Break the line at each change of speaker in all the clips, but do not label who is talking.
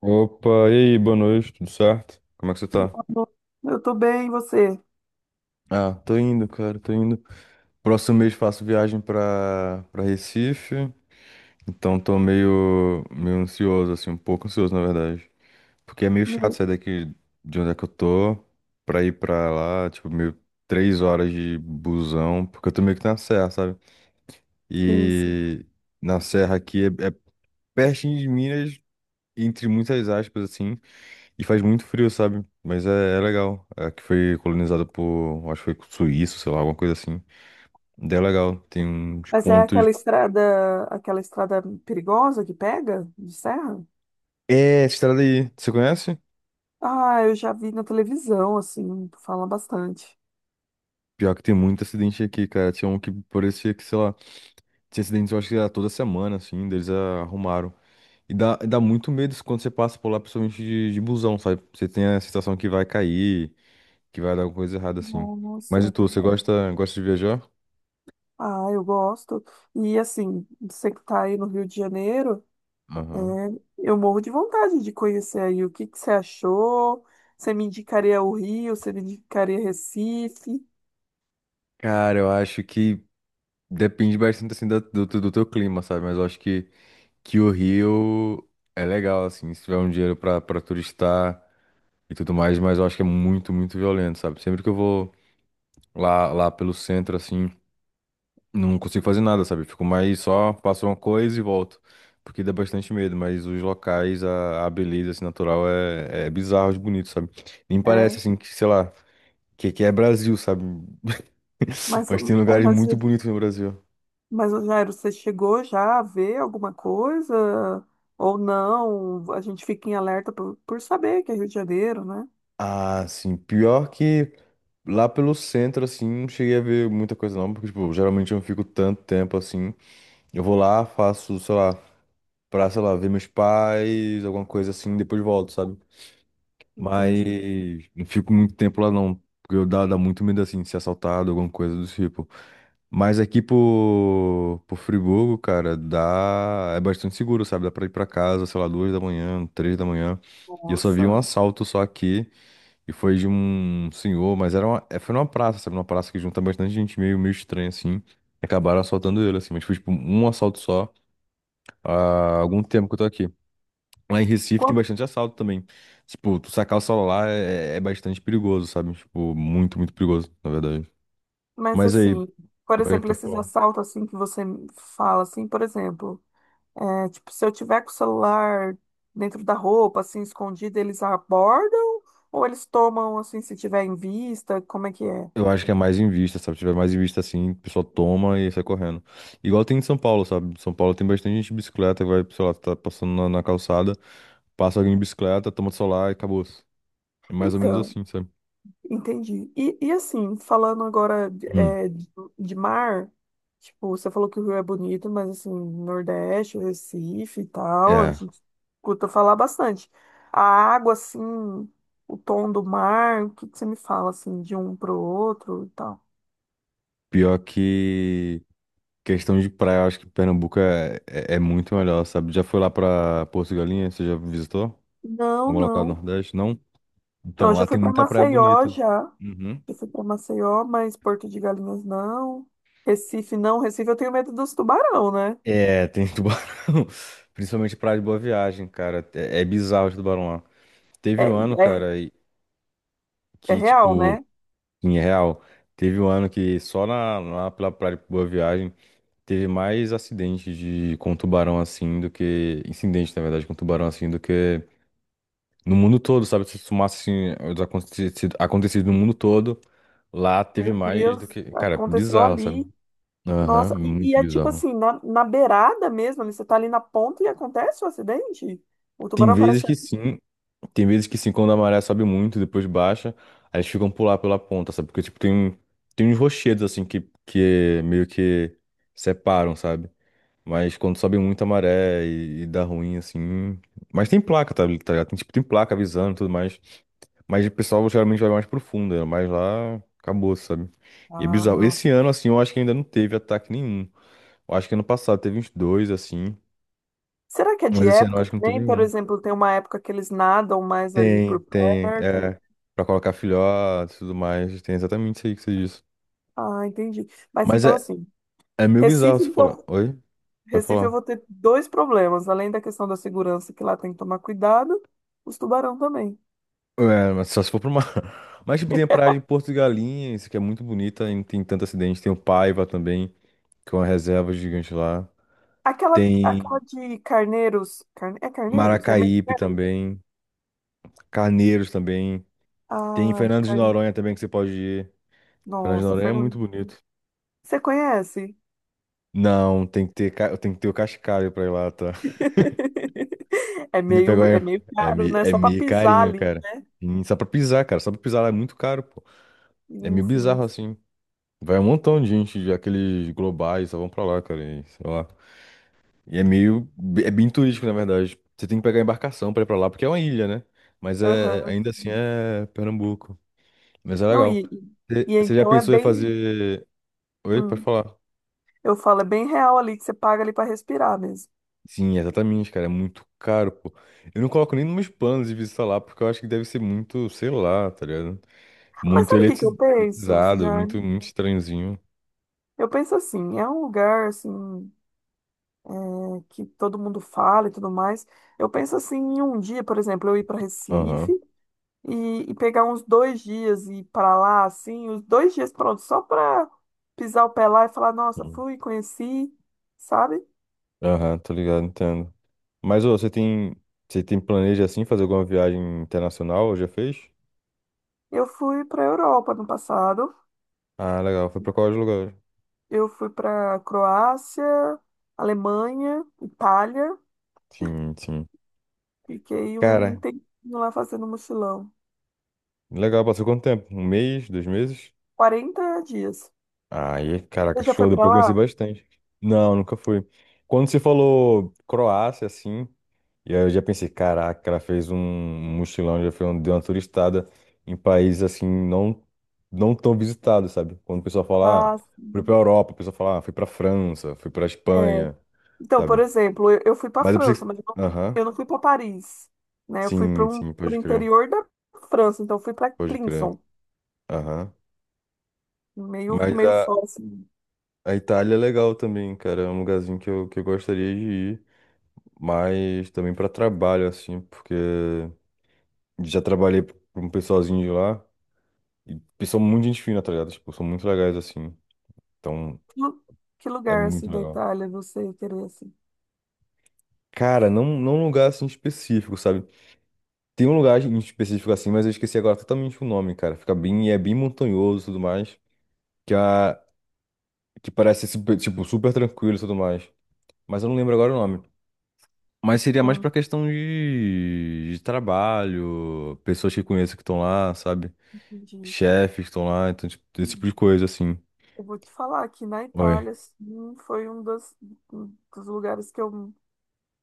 Opa, e aí, boa noite, tudo certo? Como é que você tá?
Eu tô bem, e você?
Ah, tô indo, cara, tô indo. Próximo mês faço viagem pra Recife, então tô meio ansioso, assim, um pouco ansioso, na verdade. Porque é meio chato
Hum.
sair daqui de onde é que eu tô pra ir pra lá, tipo, meio 3 horas de busão, porque eu tô meio que na serra, sabe?
Sim, sim.
E na serra aqui é pertinho de Minas, entre muitas aspas, assim, e faz muito frio, sabe? Mas é legal. É que foi colonizada por, acho que foi suíço, sei lá, alguma coisa assim. Daí é legal. Tem uns
Mas é
pontos.
aquela estrada perigosa que pega de serra?
É, essa estrada aí, você conhece?
Ah, eu já vi na televisão, assim, falam bastante.
Pior que tem muito acidente aqui, cara. Tinha um que parecia que, sei lá, tinha acidente, eu acho que era toda semana, assim, deles arrumaram. E dá muito medo isso quando você passa por lá, principalmente de busão, sabe? Você tem a sensação que vai cair, que vai dar alguma coisa errada, assim. Mas e
Nossa,
tu, você gosta, gosta de viajar?
ah, eu gosto. E assim, você que tá aí no Rio de Janeiro, é,
Aham.
eu morro de vontade de conhecer aí. O que que você achou? Você me indicaria o Rio? Você me indicaria Recife?
Cara, eu acho que depende bastante assim do teu clima, sabe? Mas eu acho que o Rio é legal, assim, se tiver um dinheiro pra turistar e tudo mais, mas eu acho que é muito, muito violento, sabe? Sempre que eu vou lá pelo centro, assim, não consigo fazer nada, sabe? Fico mais só, faço uma coisa e volto. Porque dá bastante medo, mas os locais, a beleza assim, natural é bizarro de bonito, sabe? Nem
É,
parece assim que, sei lá, que é Brasil, sabe?
mas,
Mas tem lugares
mas
muito bonitos no Brasil.
mas, ô Jairo, você chegou já a ver alguma coisa? Ou não? A gente fica em alerta por saber que é Rio de Janeiro, né?
Ah, sim. Pior que lá pelo centro, assim, não cheguei a ver muita coisa não, porque, tipo, geralmente eu não fico tanto tempo assim. Eu vou lá, faço, sei lá, pra, sei lá, ver meus pais, alguma coisa assim, depois volto, sabe? Mas
Entendi.
não fico muito tempo lá não, porque eu dá muito medo, assim, de ser assaltado, alguma coisa do tipo. Mas aqui por Friburgo, cara, dá, é bastante seguro, sabe? Dá pra ir pra casa, sei lá, 2 da manhã, 3 da manhã. E eu só vi um
Nossa.
assalto só aqui. E foi de um senhor, mas era uma, é, foi numa praça, sabe? Numa praça que junta bastante gente meio, meio estranha, assim. E acabaram assaltando ele, assim. Mas foi, tipo, um assalto só há algum tempo que eu tô aqui. Lá em Recife tem
Qual-
bastante assalto também. Tipo, tu sacar o celular é bastante perigoso, sabe? Tipo, muito, muito perigoso, na verdade.
Mas,
Mas aí,
assim, por
oi,
exemplo, esses
pessoal.
assaltos assim que você fala, assim, por exemplo, é, tipo, se eu tiver com o celular dentro da roupa, assim, escondido, eles abordam? Ou eles tomam, assim, se tiver em vista? Como é que é?
Eu acho que é mais em vista, sabe? Se tiver mais em vista assim, o pessoal toma e sai correndo. Igual tem em São Paulo, sabe? Em São Paulo tem bastante gente de bicicleta que vai, sei lá, tá passando na, na calçada, passa alguém de bicicleta, toma o celular e acabou. É mais ou menos
Então.
assim, sabe?
Entendi. E assim, falando agora
Hum.
de mar, tipo, você falou que o Rio é bonito, mas assim, Nordeste, Recife e tal, a
É.
gente escuta falar bastante. A água, assim, o tom do mar, o que que você me fala, assim, de um pro outro e tal?
Pior que questão de praia, eu acho que Pernambuco é muito melhor, sabe? Já foi lá pra Porto Galinha? Você já visitou?
Não,
Algum local do
não.
Nordeste? Não?
Não,
Então,
eu
lá
já fui
tem
para
muita praia
Maceió,
bonita.
já.
Uhum.
Já fui para Maceió, mas Porto de Galinhas não. Recife não. Recife eu tenho medo dos tubarão, né?
É, tem tubarão. Principalmente praia de Boa Viagem, cara. É bizarro de tubarão lá.
É,
Teve um ano,
é,
cara, e-
é
que,
real,
tipo,
né?
em real, teve um ano que só na, lá pela praia de Boa Viagem. Teve mais acidentes de, com tubarão assim do que. Incidente, na verdade, com tubarão assim do que no mundo todo, sabe? Se somasse assim, os acontecidos, acontecidos no mundo todo, lá teve
Meu
mais do
Deus,
que. Cara,
aconteceu
bizarro, sabe?
ali.
Aham,
Nossa, e
muito
é tipo
bizarro.
assim, na, na beirada mesmo, ali, você tá ali na ponta e acontece o acidente? O
Tem
tubarão
vezes
parece.
que sim, tem vezes que sim, quando a maré sobe muito, depois baixa, aí eles ficam pular pela ponta, sabe? Porque, tipo, tem uns rochedos assim que meio que separam, sabe? Mas quando sobe muito a maré e dá ruim, assim. Mas tem placa, tá, tá ligado? Tem, tipo, tem placa avisando e tudo mais. Mas o pessoal geralmente vai mais profundo, né? Mas lá acabou, sabe? E é
Ah,
bizarro. Esse
nossa.
ano, assim, eu acho que ainda não teve ataque nenhum. Eu acho que ano passado teve uns dois, assim.
Será que é de
Mas esse ano eu
época
acho que não teve
também? Por
nenhum.
exemplo, tem uma época que eles nadam mais ali
Tem,
por
tem.
perto.
É. Pra colocar filhote e tudo mais. Tem exatamente isso aí que você disse.
Ah, entendi. Mas
Mas
então,
é,
assim,
é meio bizarro
Recife,
você falar.
então,
Oi? Vai
Recife eu
falar.
vou ter dois problemas, além da questão da segurança, que lá tem que tomar cuidado, os tubarão também.
É, mas só se for pra uma. Mas, tipo, tem a praia de Porto de Galinhas, que é muito bonita, e não tem tanto acidente. Tem o Paiva também, que é uma reserva gigante lá.
Aquela,
Tem
aquela de carneiros. É carneiros? É meio
Maracaípe
perto?
também, Carneiros também. Tem
Ah, de
Fernando de
carne.
Noronha também, que você pode ir. Fernando de
Nossa,
Noronha é
Fernando,
muito bonito.
você conhece?
Não, tem que ter, tem que ter o Cascalho pra ir lá, tá? Tem que pegar...
É
um,
meio caro, né?
É
Só para
meio
pisar
carinho,
ali,
cara.
né?
E só pra pisar, cara. Só pra pisar lá é muito caro, pô. É
Sim,
meio
sim.
bizarro, assim. Vai um montão de gente, de aqueles globais, só vão pra lá, cara, e sei lá. E é meio. É bem turístico, na verdade. Você tem que pegar embarcação pra ir pra lá, porque é uma ilha, né? Mas é,
Aham.
ainda assim é Pernambuco. Mas é
Não,
legal. Você
e
você já
então é
pensou em
bem.
fazer. Oi, pode
hum,
falar.
eu falo, é bem real ali que você paga ali para respirar mesmo.
Sim, exatamente, cara. É muito caro, pô. Eu não coloco nem nos meus planos de visitar lá, porque eu acho que deve ser muito, sei lá, tá ligado?
Mas
Muito
sabe o que que eu penso,
elitizado, muito,
Jane?
muito estranhozinho.
Eu penso assim, é um lugar assim é, que todo mundo fala e tudo mais. Eu penso assim, em um dia, por exemplo, eu ir para Recife
Aham.
e pegar uns 2 dias e ir pra lá, assim, os 2 dias, pronto, só pra pisar o pé lá e falar, nossa,
Hum.
fui, conheci, sabe?
Aham, tô ligado, entendo. Mas, ô, você tem. Você tem planeja assim fazer alguma viagem internacional? Ou já fez?
Eu fui pra Europa no passado,
Ah, legal. Foi pra qual lugar?
eu fui pra Croácia, Alemanha, Itália,
Sim, sim.
fiquei um
Cara,
tempinho lá fazendo mochilão,
legal. Passou quanto tempo? Um mês? 2 meses?
40 dias.
Aí, caraca,
Você já
show.
foi
Deu
pra
pra eu conhecer
lá?
bastante. Não, nunca fui. Quando você falou Croácia, assim, e aí eu já pensei, caraca, ela fez um mochilão, já fez um, deu uma turistada em países, assim, não, não tão visitados, sabe? Quando o pessoal fala, ah,
Ah,
fui pra Europa, o pessoal fala, ah, fui pra França, fui pra
é.
Espanha,
Então, por
sabe?
exemplo, eu fui para a
Mas eu pensei
França,
que...
mas eu não,
Aham.
eu não fui para Paris, né? Eu fui
Sim, sim,
para o
pode crer.
interior da França, então eu fui para
Pode crer.
Clinson,
Aham.
meio,
Mas
meio fora, assim.
a Itália é legal também, cara. É um lugarzinho que eu gostaria de ir, mas também para trabalho, assim, porque já trabalhei para um pessoalzinho de lá e eles são muito gente fina, tá ligado? Tipo, são muito legais, assim. Então,
Que, lu- que
é
lugar, assim,
muito
da
legal.
Itália você querer, assim?
Cara, não, não um lugar assim específico, sabe? Tem um lugar em específico assim, mas eu esqueci agora totalmente o nome, cara. Fica bem, é bem montanhoso e tudo mais, que, a, que parece super, tipo, super tranquilo e tudo mais. Mas eu não lembro agora o nome. Mas seria mais
Hum,
pra questão de trabalho, pessoas que conheço que estão lá, sabe?
entendi.
Chefes que estão lá, então, tipo, esse tipo de coisa, assim.
Eu vou te falar que na
Oi.
Itália, assim, foi um dos lugares que eu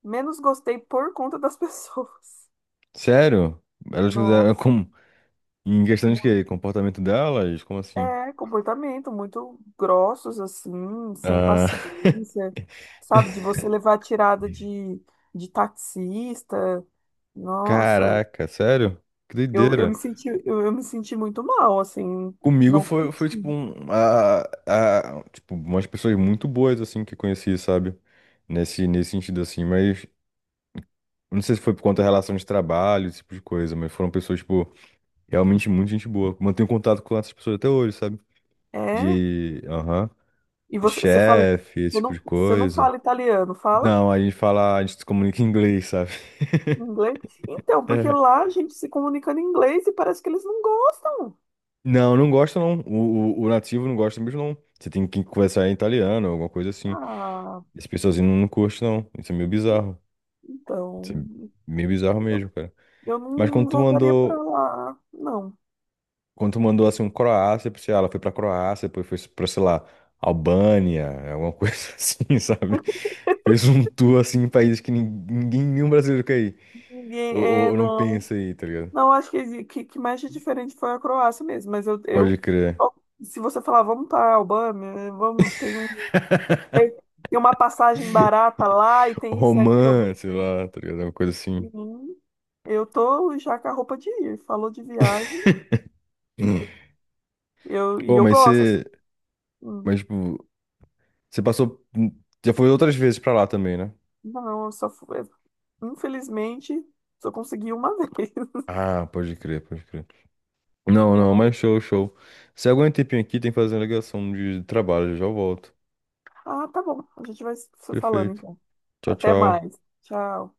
menos gostei por conta das pessoas.
Sério? Elas fizeram
Nossa.
como? Em questão de quê? Comportamento delas? Como assim?
É, comportamento muito grossos, assim, sem
Ah,
paciência, sabe? De você levar tirada de taxista. Nossa,
caraca, sério? Que
eu me
doideira.
senti, eu me senti muito mal, assim,
Comigo
não
foi, foi tipo,
curti.
um, a, tipo, umas pessoas muito boas, assim, que eu conheci, sabe? Nesse, nesse sentido, assim, mas não sei se foi por conta da relação de trabalho, esse tipo de coisa, mas foram pessoas, tipo. Realmente muito gente boa. Mantenho contato com essas pessoas até hoje, sabe?
É?
De, aham,
E
de
você, você fala,
chefe, esse tipo de
você não
coisa.
fala italiano, fala
Não, a gente fala, a gente se comunica em inglês, sabe?
inglês? Então, porque lá a gente se comunica em inglês e parece que eles não gostam.
Não, não gosta não. O nativo não gosta mesmo não. Você tem que conversar em italiano, alguma coisa assim.
Ah,
Esse pessoalzinho não curte não. Isso é meio bizarro. Isso é
então,
meio bizarro mesmo, cara.
eu não,
Mas quando
não
tu
voltaria pra
mandou
lá, não.
Quando tu mandou assim um Croácia pra sei lá, ela foi pra Croácia, depois foi pra, sei lá, Albânia, alguma coisa assim, sabe? Fez um tour assim em países que ninguém, nenhum brasileiro quer ir.
Ninguém,
Ou,
é,
ou não
não.
pensa aí, tá ligado?
Não, acho que mais de diferente foi a Croácia mesmo, mas
Pode
eu
crer.
se você falar, vamos para a Albânia, né, vamos, tem, tem uma passagem barata lá e tem isso e aquilo, eu, vou-
Romã, sei lá, tá ligado? Uma coisa assim.
Hum, eu tô já com a roupa de ir, falou de viagem,
Hum.
eu, e
Pô,
eu
mas
gosto, assim.
você.
Hum.
Mas, tipo, você passou. Já foi outras vezes pra lá também, né?
Não, eu só fui, infelizmente, só consegui uma vez.
Ah, pode crer, pode crer. Não, não,
Vou-
mas show, show. Se aguenta um tempinho aqui, tem que fazer uma ligação de trabalho, já volto.
Ah, tá bom, a gente vai se falando
Perfeito.
então.
Tchau,
Até
tchau.
mais, tchau.